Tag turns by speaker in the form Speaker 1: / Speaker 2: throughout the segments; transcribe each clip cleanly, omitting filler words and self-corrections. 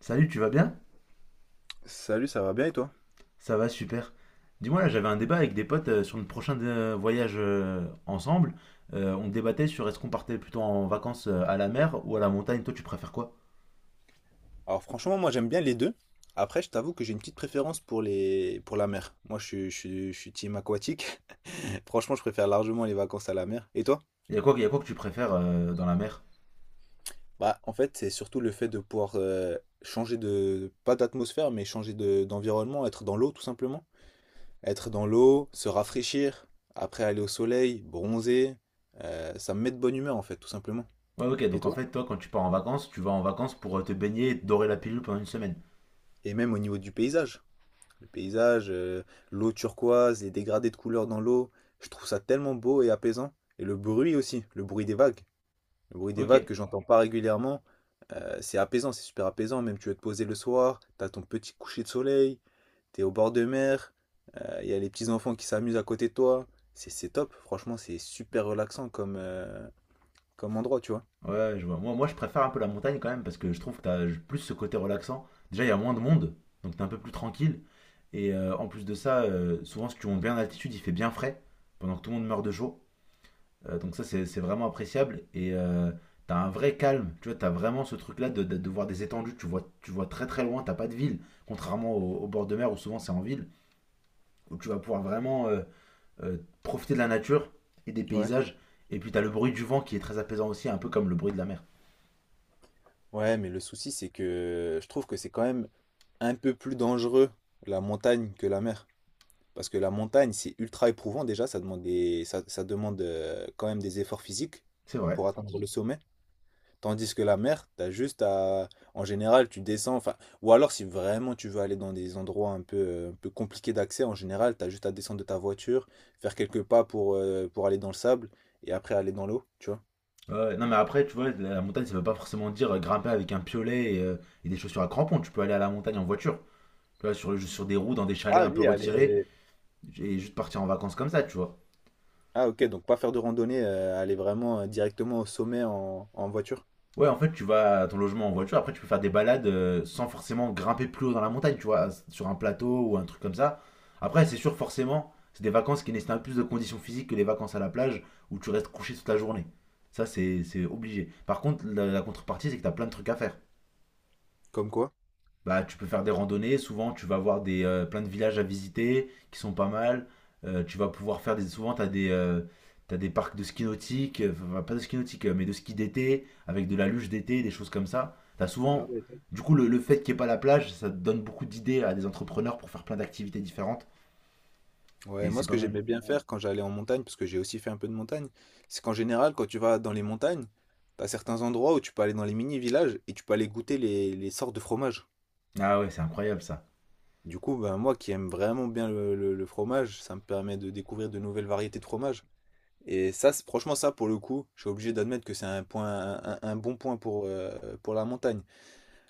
Speaker 1: Salut, tu vas bien?
Speaker 2: Salut, ça va bien et toi?
Speaker 1: Ça va, super. Dis-moi, là, j'avais un débat avec des potes sur notre prochain voyage ensemble. On débattait sur est-ce qu'on partait plutôt en vacances à la mer ou à la montagne. Toi, tu préfères quoi?
Speaker 2: Alors franchement, moi j'aime bien les deux. Après, je t'avoue que j'ai une petite préférence pour les pour la mer. Moi, je suis team aquatique. Franchement, je préfère largement les vacances à la mer. Et toi?
Speaker 1: Il y a quoi que tu préfères dans la mer?
Speaker 2: Bah, en fait, c'est surtout le fait de pouvoir changer de pas d'atmosphère, mais changer de d'environnement, être dans l'eau tout simplement. Être dans l'eau, se rafraîchir, après aller au soleil, bronzer, ça me met de bonne humeur en fait, tout simplement.
Speaker 1: Ouais, ok,
Speaker 2: Et
Speaker 1: donc en
Speaker 2: toi?
Speaker 1: fait, toi, quand tu pars en vacances, tu vas en vacances pour te baigner et te dorer la pilule pendant une semaine.
Speaker 2: Et même au niveau du paysage. Le paysage, l'eau turquoise, les dégradés de couleurs dans l'eau, je trouve ça tellement beau et apaisant. Et le bruit aussi, le bruit des vagues. Le bruit des vagues
Speaker 1: Ok.
Speaker 2: que j'entends pas régulièrement, c'est apaisant, c'est super apaisant. Même tu veux te poser le soir, t'as ton petit coucher de soleil, t'es au bord de mer, il y a les petits enfants qui s'amusent à côté de toi. C'est top, franchement, c'est super relaxant comme, comme endroit, tu vois.
Speaker 1: Ouais, je vois. Moi, je préfère un peu la montagne quand même parce que je trouve que t'as plus ce côté relaxant. Déjà, il y a moins de monde, donc t'es un peu plus tranquille. Et en plus de ça, souvent, si tu montes bien en altitude, il fait bien frais pendant que tout le monde meurt de chaud. Donc ça, c'est vraiment appréciable. Et t'as un vrai calme. Tu vois, t'as vraiment ce truc-là de voir des étendues. Tu vois très très loin. T'as pas de ville, contrairement au bord de mer où souvent c'est en ville, où tu vas pouvoir vraiment euh, profiter de la nature et des
Speaker 2: Ouais.
Speaker 1: paysages. Et puis t'as le bruit du vent qui est très apaisant aussi, un peu comme le bruit de la mer.
Speaker 2: Ouais, mais le souci, c'est que je trouve que c'est quand même un peu plus dangereux la montagne que la mer. Parce que la montagne, c'est ultra éprouvant déjà, ça demande quand même des efforts physiques
Speaker 1: C'est vrai.
Speaker 2: pour atteindre le sommet. Tandis que la mer, t'as juste à... En général, tu descends, enfin... Ou alors, si vraiment tu veux aller dans des endroits un peu compliqués d'accès, en général, t'as juste à descendre de ta voiture, faire quelques pas pour, pour aller dans le sable, et après aller dans l'eau, tu vois.
Speaker 1: Ouais, non mais après tu vois la montagne ça veut pas forcément dire grimper avec un piolet et des chaussures à crampons, tu peux aller à la montagne en voiture, tu vois sur des roues dans des chalets
Speaker 2: Ah
Speaker 1: un peu
Speaker 2: oui,
Speaker 1: retirés
Speaker 2: aller...
Speaker 1: et juste partir en vacances comme ça, tu vois.
Speaker 2: Ah ok, donc pas faire de randonnée, aller vraiment directement au sommet en voiture.
Speaker 1: Ouais, en fait tu vas à ton logement en voiture, après tu peux faire des balades sans forcément grimper plus haut dans la montagne, tu vois, sur un plateau ou un truc comme ça. Après c'est sûr forcément, c'est des vacances qui nécessitent un peu plus de conditions physiques que les vacances à la plage où tu restes couché toute la journée. Ça c'est obligé. Par contre la contrepartie c'est que t'as plein de trucs à faire.
Speaker 2: Comme quoi?
Speaker 1: Bah, tu peux faire des randonnées. Souvent, tu vas avoir plein de villages à visiter qui sont pas mal. Tu vas pouvoir faire des. Souvent, tu as des. T'as des parcs de ski nautique, enfin, pas de ski nautique, mais de ski d'été, avec de la luge d'été, des choses comme ça. T'as souvent, du coup, le fait qu'il n'y ait pas la plage, ça te donne beaucoup d'idées à des entrepreneurs pour faire plein d'activités différentes,
Speaker 2: Ouais,
Speaker 1: et
Speaker 2: moi
Speaker 1: c'est
Speaker 2: ce
Speaker 1: pas
Speaker 2: que
Speaker 1: mal.
Speaker 2: j'aimais bien faire quand j'allais en montagne, parce que j'ai aussi fait un peu de montagne, c'est qu'en général quand tu vas dans les montagnes, t'as certains endroits où tu peux aller dans les mini-villages et tu peux aller goûter les sortes de fromages.
Speaker 1: Ah ouais, c'est incroyable ça.
Speaker 2: Du coup, ben, moi qui aime vraiment bien le fromage, ça me permet de découvrir de nouvelles variétés de fromages. Et ça, franchement ça pour le coup, je suis obligé d'admettre que c'est un bon point pour la montagne.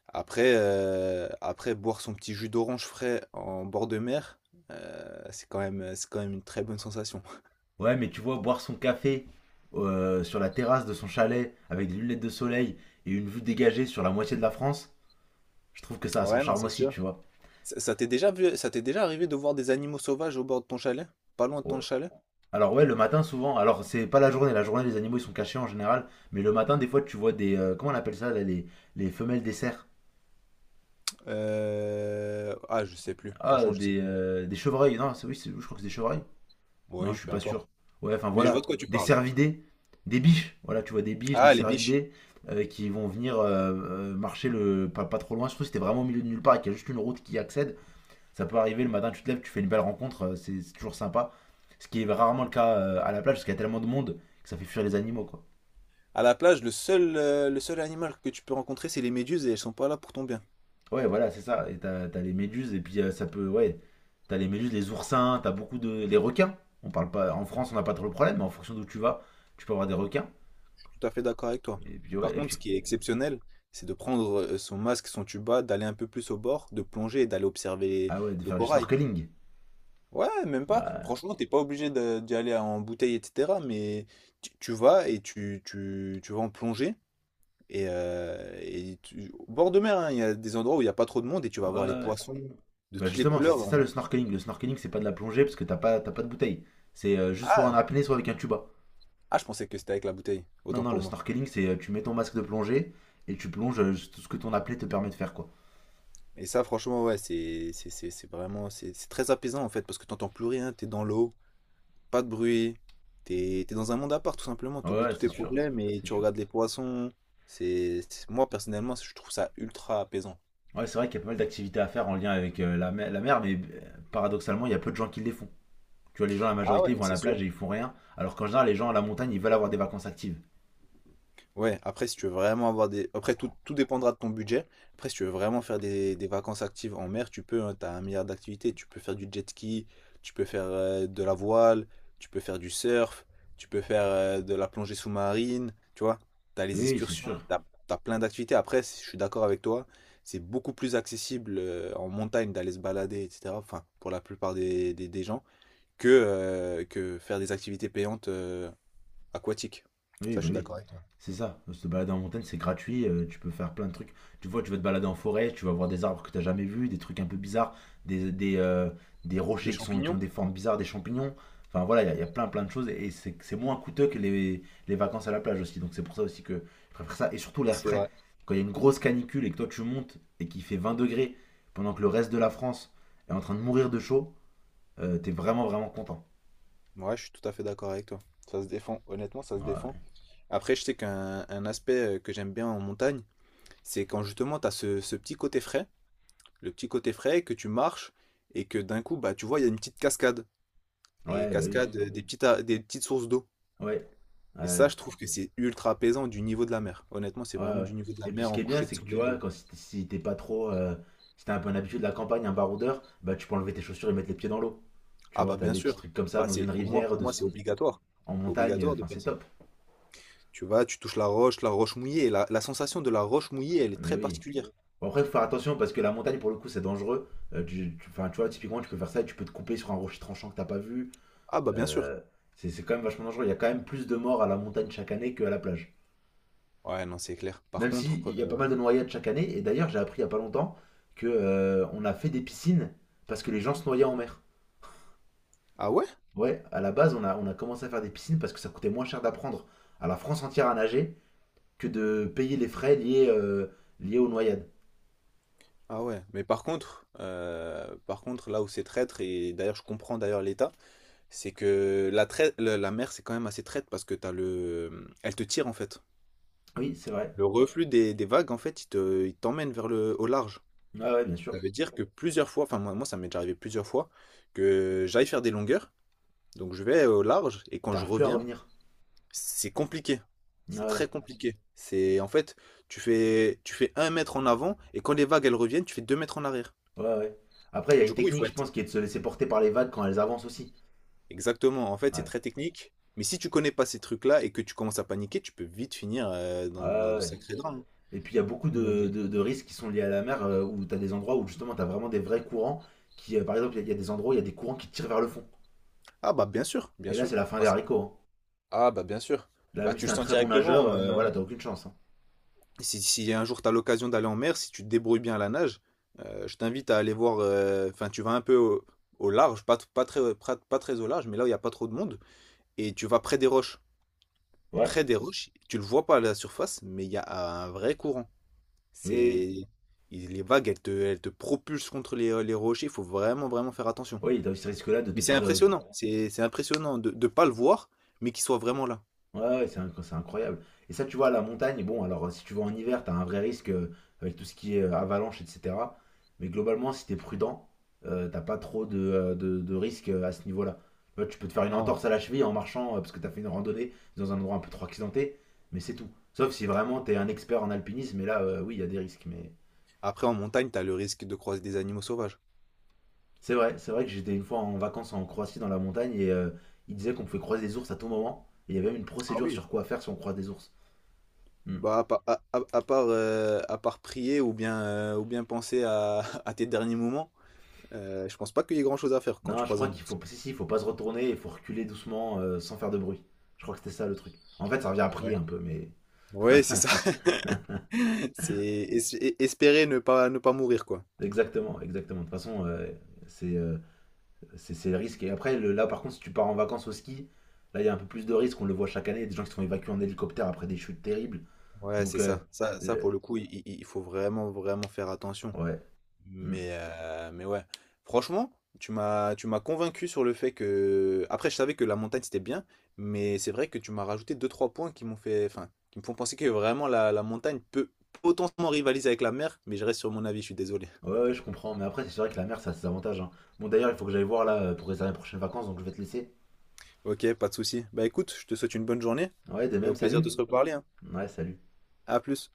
Speaker 2: Après, après boire son petit jus d'orange frais en bord de mer, c'est quand même une très bonne sensation.
Speaker 1: Ouais, mais tu vois, boire son café sur la terrasse de son chalet, avec des lunettes de soleil, et une vue dégagée sur la moitié de la France, je trouve que ça a son
Speaker 2: Ouais, non,
Speaker 1: charme
Speaker 2: c'est
Speaker 1: aussi,
Speaker 2: sûr.
Speaker 1: tu vois.
Speaker 2: Ça t'est déjà arrivé de voir des animaux sauvages au bord de ton chalet? Pas loin de ton
Speaker 1: Oh.
Speaker 2: chalet?
Speaker 1: Alors ouais, le matin souvent. Alors c'est pas la journée, la journée les animaux ils sont cachés en général, mais le matin des fois tu vois des comment on appelle ça là, les femelles des cerfs.
Speaker 2: Ah, je sais plus.
Speaker 1: Ah
Speaker 2: Franchement, je sais
Speaker 1: des
Speaker 2: plus.
Speaker 1: des chevreuils. Non, c'est oui, je crois que c'est des chevreuils. Non,
Speaker 2: Oui,
Speaker 1: je suis
Speaker 2: peu
Speaker 1: pas
Speaker 2: importe.
Speaker 1: sûr. Ouais, enfin
Speaker 2: Mais je vois
Speaker 1: voilà,
Speaker 2: de quoi tu
Speaker 1: des
Speaker 2: parles.
Speaker 1: cervidés, des biches. Voilà, tu vois des biches, des
Speaker 2: Ah, les biches.
Speaker 1: cervidés qui vont venir marcher le pas, pas trop loin. Surtout si t'es vraiment au milieu de nulle part et qu'il y a juste une route qui y accède, ça peut arriver le matin, tu te lèves, tu fais une belle rencontre, c'est toujours sympa. Ce qui est rarement le cas à la plage parce qu'il y a tellement de monde que ça fait fuir les animaux quoi.
Speaker 2: À la plage, le seul animal que tu peux rencontrer, c'est les méduses et elles sont pas là pour ton bien.
Speaker 1: Ouais, voilà, c'est ça. Et t'as les méduses, et puis ça peut. Ouais, t'as les méduses, les oursins, t'as beaucoup de. Les requins. On parle pas. En
Speaker 2: Je
Speaker 1: France, on n'a pas trop le problème, mais en fonction d'où tu vas, tu peux avoir des requins.
Speaker 2: suis tout à fait d'accord avec toi.
Speaker 1: Et puis,
Speaker 2: Par
Speaker 1: ouais, et
Speaker 2: contre,
Speaker 1: puis.
Speaker 2: ce qui est exceptionnel, c'est de prendre son masque, son tuba, d'aller un peu plus au bord, de plonger et d'aller observer
Speaker 1: Ah ouais, de
Speaker 2: le
Speaker 1: faire du
Speaker 2: corail.
Speaker 1: snorkeling.
Speaker 2: Ouais, même
Speaker 1: Ouais,
Speaker 2: pas.
Speaker 1: ouais,
Speaker 2: Franchement, t'es pas obligé d'y aller en bouteille, etc. Mais tu vas et tu vas en plongée. Et au bord de mer, hein, il y a des endroits où il n'y a pas trop de monde et tu vas
Speaker 1: ouais,
Speaker 2: voir les
Speaker 1: ouais.
Speaker 2: poissons de
Speaker 1: Bah
Speaker 2: toutes les
Speaker 1: justement, c'est
Speaker 2: couleurs.
Speaker 1: ça le
Speaker 2: On-
Speaker 1: snorkeling. Le snorkeling, c'est pas de la plongée parce que t'as pas de bouteille. C'est juste soit en
Speaker 2: Ah,
Speaker 1: apnée, soit avec un tuba.
Speaker 2: ah, je pensais que c'était avec la bouteille.
Speaker 1: Non,
Speaker 2: Autant
Speaker 1: non,
Speaker 2: pour
Speaker 1: le
Speaker 2: moi.
Speaker 1: snorkeling, c'est tu mets ton masque de plongée et tu plonges tout ce que ton apnée te permet de faire, quoi.
Speaker 2: Et ça, franchement, ouais, c'est vraiment... C'est très apaisant, en fait, parce que t'entends plus rien. T'es dans l'eau, pas de bruit. T'es dans un monde à part, tout simplement.
Speaker 1: Ouais,
Speaker 2: T'oublies
Speaker 1: ouais,
Speaker 2: tous
Speaker 1: c'est
Speaker 2: tes
Speaker 1: sûr.
Speaker 2: problèmes et
Speaker 1: C'est
Speaker 2: tu
Speaker 1: sûr.
Speaker 2: regardes les poissons. Moi, personnellement, je trouve ça ultra apaisant.
Speaker 1: Ouais, c'est vrai qu'il y a pas mal d'activités à faire en lien avec la mer, mais paradoxalement, il y a peu de gens qui les font. Tu vois, les gens, la
Speaker 2: Ah
Speaker 1: majorité,
Speaker 2: ouais,
Speaker 1: ils
Speaker 2: non,
Speaker 1: vont à
Speaker 2: c'est
Speaker 1: la
Speaker 2: sûr.
Speaker 1: plage et ils font rien, alors qu'en général, les gens à la montagne, ils veulent avoir des vacances actives.
Speaker 2: Ouais, après, si tu veux vraiment avoir des... Après, tout dépendra de ton budget. Après, si tu veux vraiment faire des vacances actives en mer, tu peux, hein, t'as un milliard d'activités. Tu peux faire du jet ski, tu peux faire de la voile, tu peux faire du surf, tu peux faire de la plongée sous-marine, tu vois. T'as
Speaker 1: Oui,
Speaker 2: les
Speaker 1: oui, c'est
Speaker 2: excursions,
Speaker 1: sûr.
Speaker 2: t'as, t'as plein d'activités. Après, si- je suis d'accord avec toi, c'est beaucoup plus accessible en montagne d'aller se balader, etc. Enfin, pour la plupart des gens, que faire des activités payantes aquatiques.
Speaker 1: Oui,
Speaker 2: Ça, je
Speaker 1: bah
Speaker 2: suis
Speaker 1: oui,
Speaker 2: d'accord avec toi.
Speaker 1: c'est ça. Se balader en montagne, c'est gratuit, tu peux faire plein de trucs. Tu vois, tu vas te balader en forêt, tu vas voir des arbres que t'as jamais vus, des trucs un peu bizarres, des des, heu, des
Speaker 2: Des
Speaker 1: rochers qui ont
Speaker 2: champignons,
Speaker 1: des formes bizarres, des champignons. Enfin voilà, il y a plein, plein de choses et c'est moins coûteux que les vacances à la plage aussi. Donc c'est pour ça aussi que je préfère ça et surtout l'air
Speaker 2: c'est
Speaker 1: frais.
Speaker 2: vrai.
Speaker 1: Quand il y a une grosse canicule et que toi tu montes et qu'il fait 20 degrés pendant que le reste de la France est en train de mourir de chaud, tu vraiment, vraiment content.
Speaker 2: Ouais, je suis tout à fait d'accord avec toi. Ça se défend, honnêtement, ça se défend.
Speaker 1: Ouais,
Speaker 2: Après, je sais qu'un un aspect que j'aime bien en montagne, c'est quand justement tu as ce petit côté frais, le petit côté frais, que tu marches et que d'un coup, bah, tu vois, il y a une petite cascade. Et
Speaker 1: ouais, bah oui.
Speaker 2: cascade, des petites sources d'eau.
Speaker 1: Ouais,
Speaker 2: Et ça,
Speaker 1: ouais.
Speaker 2: je trouve que c'est ultra apaisant du niveau de la mer. Honnêtement, c'est
Speaker 1: Ouais,
Speaker 2: vraiment
Speaker 1: ouais.
Speaker 2: du niveau de la
Speaker 1: Et puis ce
Speaker 2: mer
Speaker 1: qui
Speaker 2: en
Speaker 1: est bien,
Speaker 2: coucher de
Speaker 1: c'est que tu vois,
Speaker 2: soleil.
Speaker 1: quand si t'es si t'es pas trop. Si t'as un peu un habitué de la campagne, un baroudeur, bah tu peux enlever tes chaussures et mettre les pieds dans l'eau. Tu
Speaker 2: Ah
Speaker 1: vois,
Speaker 2: bah
Speaker 1: t'as
Speaker 2: bien
Speaker 1: des petits
Speaker 2: sûr.
Speaker 1: trucs comme ça
Speaker 2: Bah
Speaker 1: dans
Speaker 2: c'est
Speaker 1: une rivière,
Speaker 2: pour moi, c'est obligatoire.
Speaker 1: en montagne,
Speaker 2: Obligatoire de
Speaker 1: enfin
Speaker 2: faire
Speaker 1: c'est
Speaker 2: ça.
Speaker 1: top.
Speaker 2: Tu vas, tu touches la roche mouillée. La sensation de la roche mouillée, elle est
Speaker 1: Mais
Speaker 2: très
Speaker 1: oui.
Speaker 2: particulière.
Speaker 1: Bon, après, faut faire attention parce que la montagne, pour le coup, c'est dangereux. Enfin, tu vois, typiquement, tu peux faire ça et tu peux te couper sur un rocher tranchant que t'as pas vu.
Speaker 2: Ah bah bien sûr.
Speaker 1: Euh, c'est quand même vachement dangereux. Il y a quand même plus de morts à la montagne chaque année qu'à la plage.
Speaker 2: Ouais, non, c'est clair. Par
Speaker 1: Même
Speaker 2: contre,
Speaker 1: si il y a pas mal de noyades chaque année. Et d'ailleurs, j'ai appris il y a pas longtemps que on a fait des piscines parce que les gens se noyaient en mer.
Speaker 2: ah ouais?
Speaker 1: Ouais, à la base, on a commencé à faire des piscines parce que ça coûtait moins cher d'apprendre à la France entière à nager que de payer les frais liés aux noyades.
Speaker 2: Ah ouais. Mais par contre, là où c'est traître, et d'ailleurs je comprends d'ailleurs l'état, c'est que la mer c'est quand même assez traître parce que t'as le. Elle te tire en fait.
Speaker 1: Oui, c'est vrai.
Speaker 2: Le reflux des vagues, en fait, il t'emmène vers au large.
Speaker 1: Ouais, ouais, bien sûr.
Speaker 2: Ça veut dire que plusieurs fois, moi ça m'est déjà arrivé plusieurs fois, que j'aille faire des longueurs. Donc je vais au large et quand je
Speaker 1: T'arrives plus à
Speaker 2: reviens.
Speaker 1: revenir.
Speaker 2: C'est compliqué.
Speaker 1: Ouais,
Speaker 2: C'est très
Speaker 1: ouais,
Speaker 2: compliqué. C'est en fait, tu fais un mètre en avant et quand les vagues elles reviennent, tu fais deux mètres en arrière.
Speaker 1: ouais, ouais. Après, il y a
Speaker 2: Du
Speaker 1: une
Speaker 2: coup, il
Speaker 1: technique,
Speaker 2: faut
Speaker 1: je
Speaker 2: être
Speaker 1: pense, qui est de se laisser porter par les vagues quand elles avancent aussi.
Speaker 2: exactement. En fait, c'est
Speaker 1: Ouais,
Speaker 2: très technique. Mais si tu connais pas ces trucs-là et que tu commences à paniquer, tu peux vite finir
Speaker 1: ouais,
Speaker 2: dans, dans
Speaker 1: ouais,
Speaker 2: de
Speaker 1: ouais.
Speaker 2: sacrés drames.
Speaker 1: Et puis, il y a beaucoup
Speaker 2: Mais-
Speaker 1: de risques qui sont liés à la mer où t'as des endroits où justement t'as vraiment des vrais courants par exemple, il y a des endroits où il y a des courants qui te tirent vers le fond.
Speaker 2: Ah bah bien sûr, bien
Speaker 1: Et là, c'est
Speaker 2: sûr.
Speaker 1: la fin des haricots, hein.
Speaker 2: Ah bah bien sûr.
Speaker 1: Là,
Speaker 2: Bah
Speaker 1: même si
Speaker 2: tu le
Speaker 1: t'es un
Speaker 2: sens
Speaker 1: très bon nageur,
Speaker 2: directement.
Speaker 1: voilà, t'as aucune chance, hein.
Speaker 2: Si, si un jour tu as l'occasion d'aller en mer, si tu te débrouilles bien à la nage, je t'invite à aller voir. Enfin, tu vas un peu au large, pas, t- pas très, pas, pas très au large, mais là où il n'y a pas trop de monde. Et tu vas près des roches.
Speaker 1: Ouais.
Speaker 2: Près des roches, tu le vois pas à la surface, mais il y a un vrai courant.
Speaker 1: Oui, oui, oui.
Speaker 2: C'est. Les vagues, elles te propulsent contre les rochers. Il faut vraiment, vraiment faire attention.
Speaker 1: Oui, t'as as ce risque-là de
Speaker 2: Mais
Speaker 1: te
Speaker 2: c'est
Speaker 1: faire.
Speaker 2: impressionnant. C'est impressionnant de ne pas le voir, mais qu'il soit vraiment là.
Speaker 1: Ouais, ouais, c'est incroyable. Et ça, tu vois, à la montagne, bon, alors si tu vas en hiver, t'as un vrai risque avec tout ce qui est avalanche, etc. Mais globalement, si t'es prudent, t'as pas trop de risques à ce niveau-là. Tu vois, tu peux te faire une
Speaker 2: Non.
Speaker 1: entorse à la cheville en marchant parce que t'as fait une randonnée dans un endroit un peu trop accidenté, mais c'est tout. Sauf si vraiment t'es un expert en alpinisme, et là, oui, il y a des risques. Mais
Speaker 2: Après, en montagne, tu as le risque de croiser des animaux sauvages.
Speaker 1: c'est vrai que j'étais une fois en vacances en Croatie dans la montagne et ils disaient qu'on pouvait croiser des ours à tout moment. Et il y avait même une
Speaker 2: Ah
Speaker 1: procédure
Speaker 2: oui,
Speaker 1: sur quoi faire si on croise des ours. Hmm.
Speaker 2: bah, à part prier ou bien penser à, à tes derniers moments, je pense pas qu'il y ait grand-chose à faire quand
Speaker 1: Non,
Speaker 2: tu
Speaker 1: je
Speaker 2: croises
Speaker 1: crois
Speaker 2: un
Speaker 1: qu'il
Speaker 2: ours.
Speaker 1: faut, si, il faut pas se retourner, il faut reculer doucement sans faire de bruit. Je crois que c'était ça le truc. En fait, ça revient à prier
Speaker 2: Ouais.
Speaker 1: un peu, mais
Speaker 2: Ouais, c'est ça. Espérer ne pas, ne pas mourir, quoi.
Speaker 1: exactement, exactement. De toute façon, c'est euh, c'est le risque. Et après, là, par contre, si tu pars en vacances au ski, là, il y a un peu plus de risques. On le voit chaque année, il y a des gens qui sont évacués en hélicoptère après des chutes terribles.
Speaker 2: Ouais, c'est
Speaker 1: Donc, euh,
Speaker 2: ça. Ça, pour
Speaker 1: le-
Speaker 2: le coup, il faut vraiment, vraiment faire attention.
Speaker 1: ouais. Hmm.
Speaker 2: Mais ouais, franchement, tu m'as convaincu sur le fait que... Après, je savais que la montagne, c'était bien, mais c'est vrai que tu m'as rajouté deux trois points qui m'ont fait... Enfin, qui me font penser que vraiment la montagne peut potentiellement rivaliser avec la mer, mais je reste sur mon avis, je suis désolé.
Speaker 1: Ouais, ouais, je comprends. Mais après, c'est vrai que la mer, ça a ses avantages, hein. Bon, d'ailleurs, il faut que j'aille voir là pour réserver les prochaines vacances, donc je vais te laisser.
Speaker 2: Ok, pas de souci. Bah écoute, je te souhaite une bonne journée
Speaker 1: Ouais, de
Speaker 2: et
Speaker 1: même,
Speaker 2: au plaisir de
Speaker 1: salut.
Speaker 2: se reparler, hein.
Speaker 1: Ouais, salut.
Speaker 2: À plus.